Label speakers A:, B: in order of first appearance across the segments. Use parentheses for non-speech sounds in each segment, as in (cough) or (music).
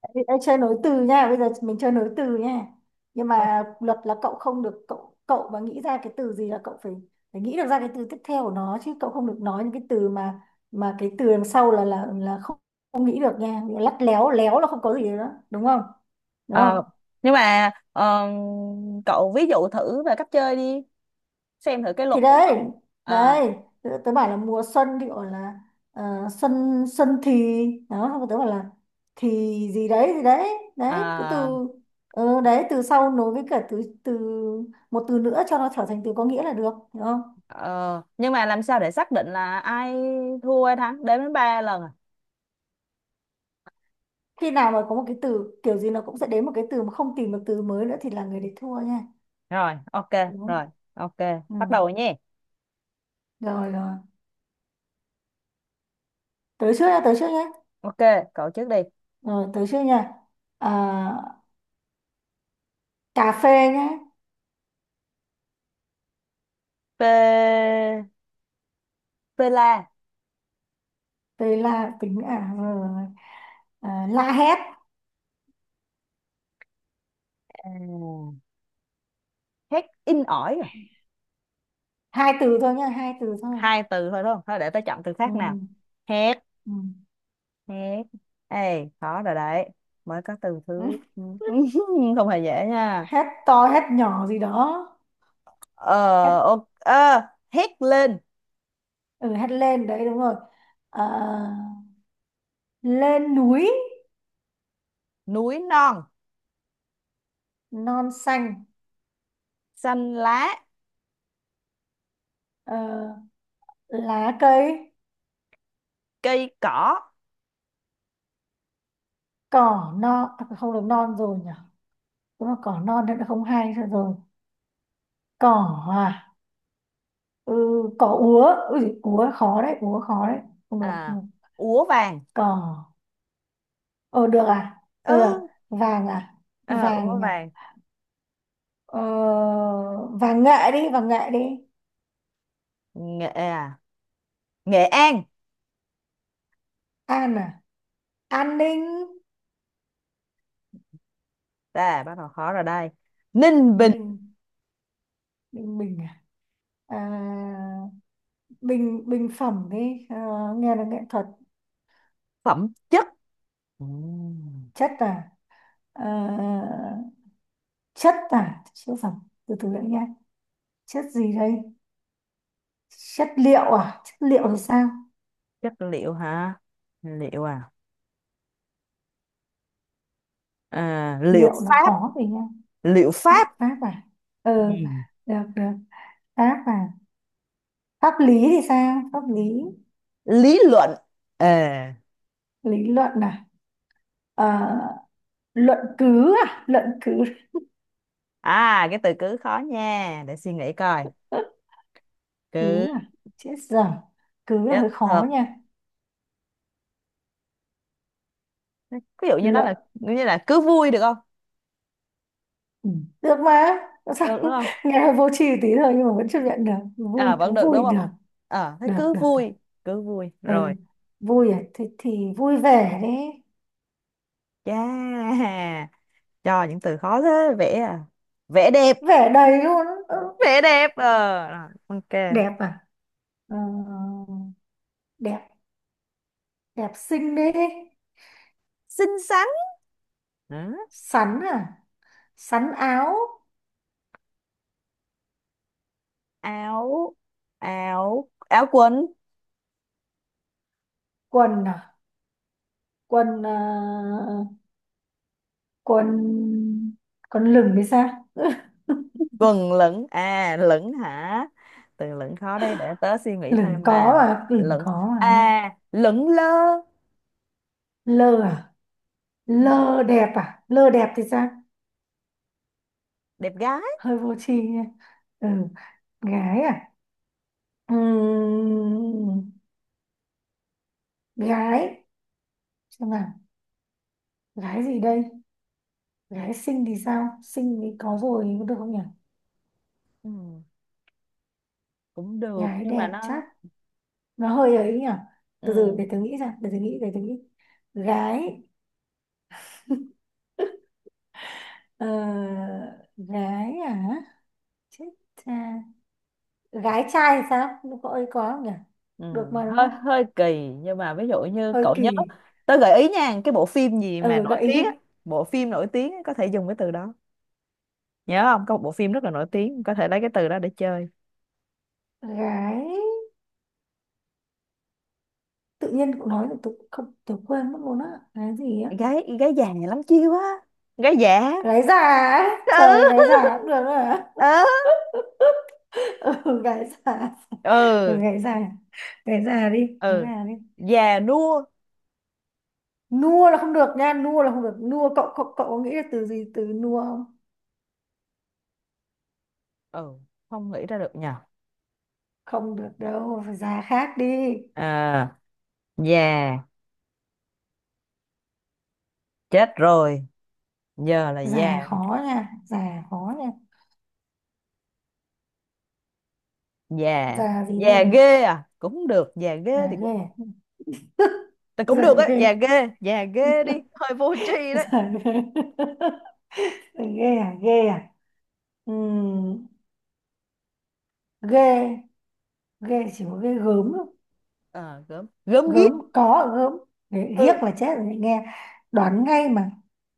A: Ê, ê, chơi nối từ nha. Bây giờ mình chơi nối từ nha, nhưng
B: Ờ,
A: mà luật là cậu không được, cậu cậu mà nghĩ ra cái từ gì là cậu phải phải nghĩ được ra cái từ tiếp theo của nó, chứ cậu không được nói những cái từ mà cái từ đằng sau là không, không nghĩ được nha. Lắt léo léo là không có gì đó, đúng không? Đúng không?
B: ờ. Nhưng mà cậu ví dụ thử về cách chơi đi, xem thử cái luật
A: Thì
B: của cậu.
A: đấy.
B: à,
A: Đấy, tớ bảo là mùa xuân thì gọi là ờ, xuân. Xuân thì đó, xong rồi tớ bảo là thì, gì đấy, gì đấy. Đấy, cứ
B: à,
A: từ, ờ, đấy từ sau nối với cả từ từ một từ nữa cho nó trở thành từ có nghĩa là được, hiểu không?
B: ờ, nhưng mà làm sao để xác định là ai thua ai thắng, đếm đến ba lần à?
A: Khi nào mà có một cái từ kiểu gì nó cũng sẽ đến một cái từ mà không tìm được từ mới nữa thì là người đấy thua nha.
B: Rồi, ok.
A: Đúng không?
B: Rồi, ok,
A: Ừ.
B: bắt đầu rồi nhé.
A: Rồi, rồi. Tới trước nha, tới trước nhé.
B: Ok, cậu trước đi.
A: Rồi, tới trước nha. À, cà phê nhé.
B: P, pela.
A: Tê là tính à? Rồi, rồi. À, la hét.
B: À, hét in ỏi à?
A: Hai từ thôi nhá, hai từ thôi.
B: Hai từ thôi đúng không, thôi để tôi chọn từ khác nào.
A: Ừ.
B: Hét.
A: Ừ.
B: Hét. Ê khó rồi đấy, mới có từ thứ.
A: (laughs)
B: (laughs) Không hề dễ nha.
A: Hét to hét nhỏ gì đó. Hét.
B: Ờ, ok, hét lên.
A: Ừ, hét lên, đấy đúng rồi. Ờ, lên núi.
B: Núi non.
A: Non xanh.
B: Xanh lá.
A: Ờ, lá cây.
B: Cây cỏ.
A: Cỏ non à, không được, non rồi nhỉ. Đúng là cỏ non thì không hay nữa rồi. Cỏ à. Ừ, cỏ úa. Ui, úa khó đấy, úa khó đấy. Không được,
B: À
A: không được.
B: úa vàng.
A: Cỏ. Ờ, được à. Được.
B: Ừ.
A: Vàng à.
B: Ờ, úa
A: Vàng nhỉ.
B: vàng.
A: Ờ, và nghệ đi, và nghệ đi.
B: Nghệ à, Nghệ An.
A: An à. An ninh.
B: À, bắt đầu khó rồi đây. Ninh Bình.
A: Ninh ninh bình à, à bình. Bình phẩm đi. Ờ, nghe là nghệ thuật.
B: Phẩm chất. Ừm,
A: Chất à. Ờ, chất à chứ phẩm. Từ từ lại nha, chất gì đây. Chất liệu à, chất liệu thì sao.
B: chất liệu hả. Liệu à, à liệu
A: Liệu là
B: pháp.
A: khó rồi nha.
B: Liệu
A: Liệu
B: pháp.
A: pháp à. Ừ,
B: Ừm,
A: được, được. Pháp à. Pháp lý thì sao, pháp lý.
B: lý luận. Ờ.
A: Lý luận à. Ờ, luận cứ à, luận cứ.
B: À cái từ cứ khó nha, để suy nghĩ coi.
A: (laughs) Cứ
B: Cứ
A: à, chết dở. Cứ là
B: chất
A: hơi
B: thật,
A: khó nha.
B: ví dụ như nó
A: Luận.
B: là như là cứ vui được không.
A: Ừ. Được mà. Tại sao?
B: Được đúng không,
A: (laughs) Nghe hơi vô tri tí thôi nhưng mà vẫn chấp nhận được. Vui
B: à vẫn
A: cứ
B: được đúng
A: vui
B: không.
A: được.
B: Ờ thế
A: Được,
B: cứ
A: được, được.
B: vui. Cứ vui
A: Ừ.
B: rồi.
A: Vui à, thì vui vẻ đấy.
B: Yeah, cho những từ khó thế. Vẽ à, vẽ đẹp.
A: Vẻ đầy luôn. Ừ.
B: Vẽ đẹp ờ rồi, ok.
A: Đẹp à. Ờ, đẹp. Đẹp xinh đấy.
B: Xinh xắn. Đó.
A: Sắn à. Sắn áo.
B: Áo, áo quần.
A: Quần à. Quần à, quần quần lửng thì sao. (laughs)
B: Quần lửng à, lửng hả, từ lửng khó đây để tớ suy nghĩ
A: Lửng
B: thêm nào.
A: có à, lửng
B: Lửng,
A: có à.
B: à lửng lơ.
A: Lơ à.
B: Ừ,
A: Lơ đẹp à, lơ đẹp thì sao.
B: đẹp gái.
A: Hơi vô tri nha. Ừ. Gái à. Ừm, gái. Xem nào, gái gì đây. Gái xinh thì sao, xinh thì có rồi, có được không nhỉ.
B: Ừ, cũng được
A: Gái
B: nhưng mà
A: đẹp
B: nó.
A: chắc. Nó hơi ấy nhỉ. Từ từ
B: Ừ.
A: để tôi nghĩ ra, để tôi nghĩ, để tôi nghĩ. Gái. (laughs) Ờ, gái à. Chết cha. Gái trai thì sao. Nó có ấy, có không nhỉ.
B: Ừ,
A: Được mà đúng
B: hơi
A: không.
B: hơi kỳ nhưng mà ví dụ như
A: Hơi
B: cậu nhớ,
A: kỳ.
B: tớ gợi ý nha, cái bộ phim gì mà
A: Ờ,
B: nổi
A: gợi ý
B: tiếng á,
A: đi.
B: bộ phim nổi tiếng á, có thể dùng cái từ đó. Nhớ không, có một bộ phim rất là nổi tiếng, có thể lấy cái từ đó để chơi.
A: Gái, tự nhiên cậu nói thì tôi không tôi quên mất luôn á. Gái gì á.
B: Gái, gái già này lắm chiêu á. Gái già.
A: Gái già á. Trời, gái
B: Ừ.
A: già cũng được à.
B: (laughs) Ừ.
A: (laughs) Ừ, gái già. Ừ,
B: Ừ.
A: gái già. Gái già đi, gái
B: Ừ.
A: già đi.
B: Già nua.
A: Nua là không được nha, nua là không được. Nua, cậu cậu cậu có nghĩ là từ gì, từ nua không?
B: Ừ không nghĩ ra được nhờ.
A: Không được đâu, phải già khác đi.
B: À già, chết rồi, giờ là
A: Già
B: già.
A: khó nha, già khó nha.
B: Già.
A: Già gì
B: Già
A: đây.
B: ghê à cũng được, già ghê
A: Già
B: thì
A: ghê
B: cũng
A: à?
B: là cũng
A: Già
B: được á,
A: ghê.
B: già ghê đi, hơi vô tri
A: (laughs)
B: đấy.
A: Già ghê. (laughs) Ghê à, ghê à. Ừ. ghê ghê chỉ có ghê gớm thôi.
B: Ờ, gớm, gớm
A: Gớm
B: ghiếc.
A: có ở gớm.
B: Ừ.
A: Ghiếc là chết rồi nghe. Đoán ngay mà.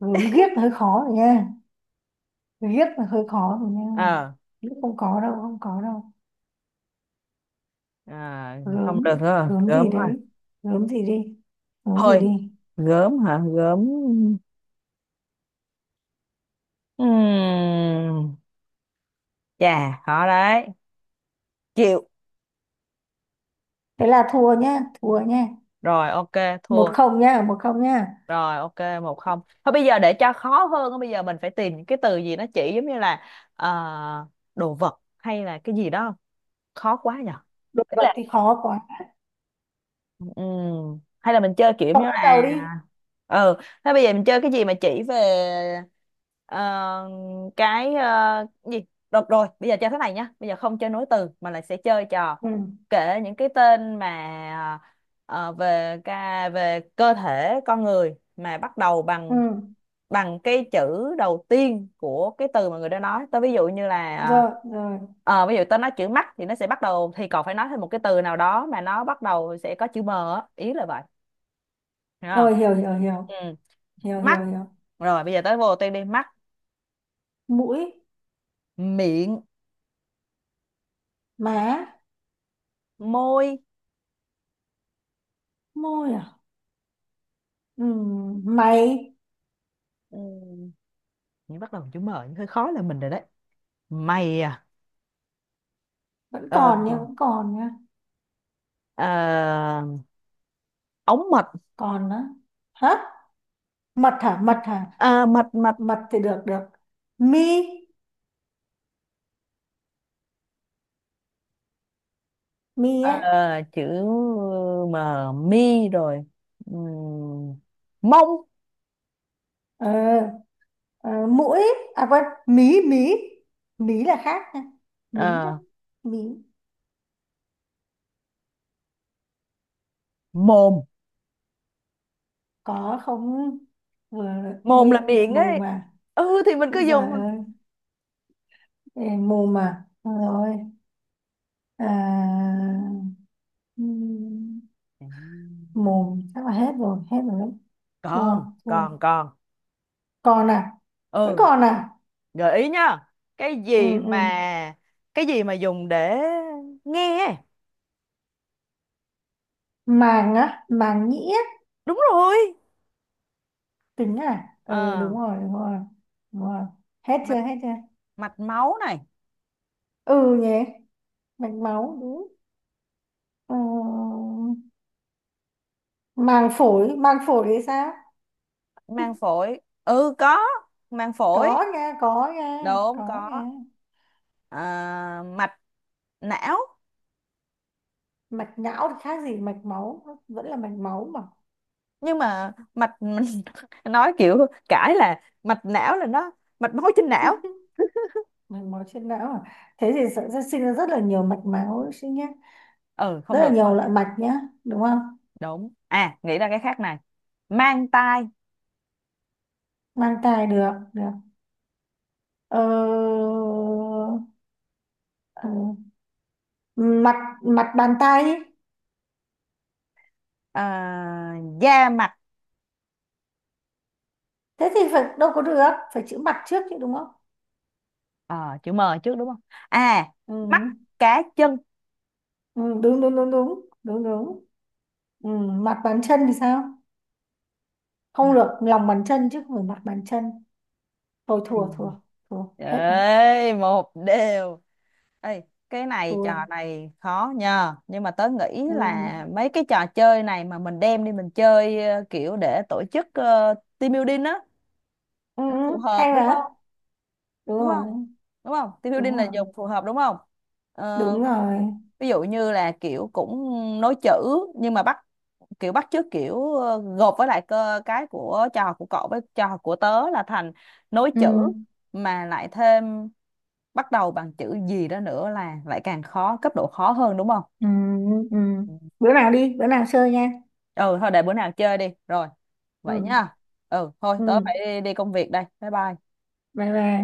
A: Gớm ghiếc hơi khó rồi nha, ghiếc là hơi khó rồi nha.
B: Ờ,
A: Ghiếc không có đâu, không có đâu.
B: à, không
A: Gớm.
B: được rồi,
A: Gớm
B: gớm
A: gì
B: thôi.
A: đấy. Gớm gì đi, gớm gì
B: Thôi,
A: đi.
B: gớm hả, gớm. Ừm, Chà, khó đấy. Chịu.
A: Thế là thua nhá, thua nhá.
B: Rồi, ok,
A: một
B: thua.
A: không nhá, 1-0 nhá.
B: Rồi, ok, một không. Thôi bây giờ để cho khó hơn, á, bây giờ mình phải tìm những cái từ gì nó chỉ giống như là ờ, đồ vật hay là cái gì đó. Khó quá nhở.
A: Đồ vật thì khó quá.
B: Ừ. Hay là mình chơi kiểu
A: Cậu
B: như
A: bắt
B: là,
A: đầu đi.
B: ừ, thế bây giờ mình chơi cái gì mà chỉ về ờ, cái ờ, gì được rồi, bây giờ chơi thế này nhá, bây giờ không chơi nối từ mà là sẽ chơi trò
A: Ừ,
B: kể những cái tên mà về về cơ thể con người mà bắt đầu
A: ừ.
B: bằng bằng cái chữ đầu tiên của cái từ mà người đó nói. Tao ví dụ như là,
A: Rồi, rồi,
B: ví dụ tao nói chữ mắt thì nó sẽ bắt đầu, thì còn phải nói thêm một cái từ nào đó mà nó bắt đầu sẽ có chữ m á. Ý là vậy, hiểu không.
A: rồi. Hiểu hiểu hiểu,
B: Ừ.
A: hiểu
B: Mắt.
A: hiểu hiểu.
B: Rồi bây giờ tới vô tên đi. Mắt.
A: Mũi.
B: Miệng.
A: Má.
B: Môi.
A: Môi à. Ừ, mày.
B: Ừ. Những bắt đầu bằng chữ m những hơi khó là mình rồi đấy. Mày à.
A: Vẫn
B: Ờ,
A: còn nha, vẫn còn nha.
B: ờ, ống mật.
A: Còn nữa. Hả. Mật hả, mật hả.
B: Ờ, mật. Mệt.
A: Mật thì được, được. Mi. Mi á.
B: Ờ, chữ M, mi rồi. Ừm, mông.
A: Ờ, ờ, mũi, à quên. Mí mí. Mí là khác nha, mí đó.
B: Ờ,
A: Mí
B: mồm.
A: có không vừa.
B: Mồm là
A: Miệng lại
B: miệng
A: mồm
B: ấy.
A: mà.
B: Ừ thì mình cứ
A: Ôi giời
B: dùng thôi.
A: ơi. Ê, mồm mà. Được rồi. À, ừm,
B: Ừm,
A: mồm chắc là hết rồi, hết rồi đấy.
B: con
A: Thua. Thua.
B: con con
A: Còn à. Vẫn
B: Ừ,
A: còn à.
B: gợi ý nhá, cái
A: Ừ,
B: gì mà,
A: ừ.
B: cái gì mà dùng để nghe.
A: Màng á, màng nhĩ á.
B: Đúng rồi.
A: Tính à.
B: Ờ,
A: Ừ, đúng rồi, đúng rồi. Đúng rồi. Hết chưa,
B: mạch,
A: hết chưa.
B: mạch máu này.
A: Ừ nhỉ. Mạch máu đúng. Ừ. Màng phổi, màng phổi thì sao.
B: Mang phổi, ừ có. Mang phổi.
A: Có nha, có nha,
B: Đúng
A: có
B: có.
A: nha.
B: À, mạch não.
A: Mạch não thì khác gì mạch máu, nó vẫn là mạch máu mà.
B: Nhưng mà mạch, (laughs) nói kiểu cãi là mạch não là nó mạch máu trên não.
A: (laughs) Mạch máu trên não à, thế thì sẽ sinh ra rất là nhiều mạch máu sinh nhá,
B: Ừ
A: rất
B: không
A: là
B: được thôi.
A: nhiều loại mạch nhá, đúng không.
B: Đúng, à nghĩ ra cái khác này. Mang tai.
A: Mang thai. Được, được. Ờ, ờ, mặt. Mặt bàn tay ấy.
B: À, da mặt.
A: Thế thì phải đâu có được, phải chữ mặt trước chứ đúng không.
B: Ờ, chữ M trước đúng không. À, mắt
A: Ừ.
B: cá chân.
A: Ừ, đúng đúng đúng đúng đúng đúng. Ừ. Mặt bàn chân thì sao. Không
B: Mặt.
A: được, lòng bàn chân chứ không phải mặt bàn chân. Thôi
B: Ừ.
A: thua, thua. Thua hết rồi.
B: Ê một đều. Ê, cái này
A: Thua.
B: trò này khó nhờ, nhưng mà tớ nghĩ
A: Ừ.
B: là mấy cái trò chơi này mà mình đem đi mình chơi kiểu để tổ chức team building á,
A: Ừ.
B: nó phù
A: Ừ, hay
B: hợp đúng
A: mà.
B: không.
A: Đúng
B: Đúng
A: rồi,
B: không, đúng không, team
A: đúng
B: building là
A: rồi,
B: dùng phù hợp đúng không. Ờ,
A: đúng rồi.
B: ví dụ như là kiểu cũng nối chữ nhưng mà bắt, kiểu bắt chước kiểu, gộp với lại cơ cái của trò học của cậu với trò học của tớ là thành nối
A: Ừ.
B: chữ mà lại thêm bắt đầu bằng chữ gì đó nữa là lại càng khó cấp độ khó hơn đúng không.
A: Ừ. Ừ. Bữa nào đi, bữa nào chơi nha.
B: Ừ thôi để bữa nào chơi đi rồi, vậy
A: Ừ.
B: nha. Ừ thôi tớ
A: Ừ.
B: phải đi, đi công việc đây, bye bye.
A: Bye bye.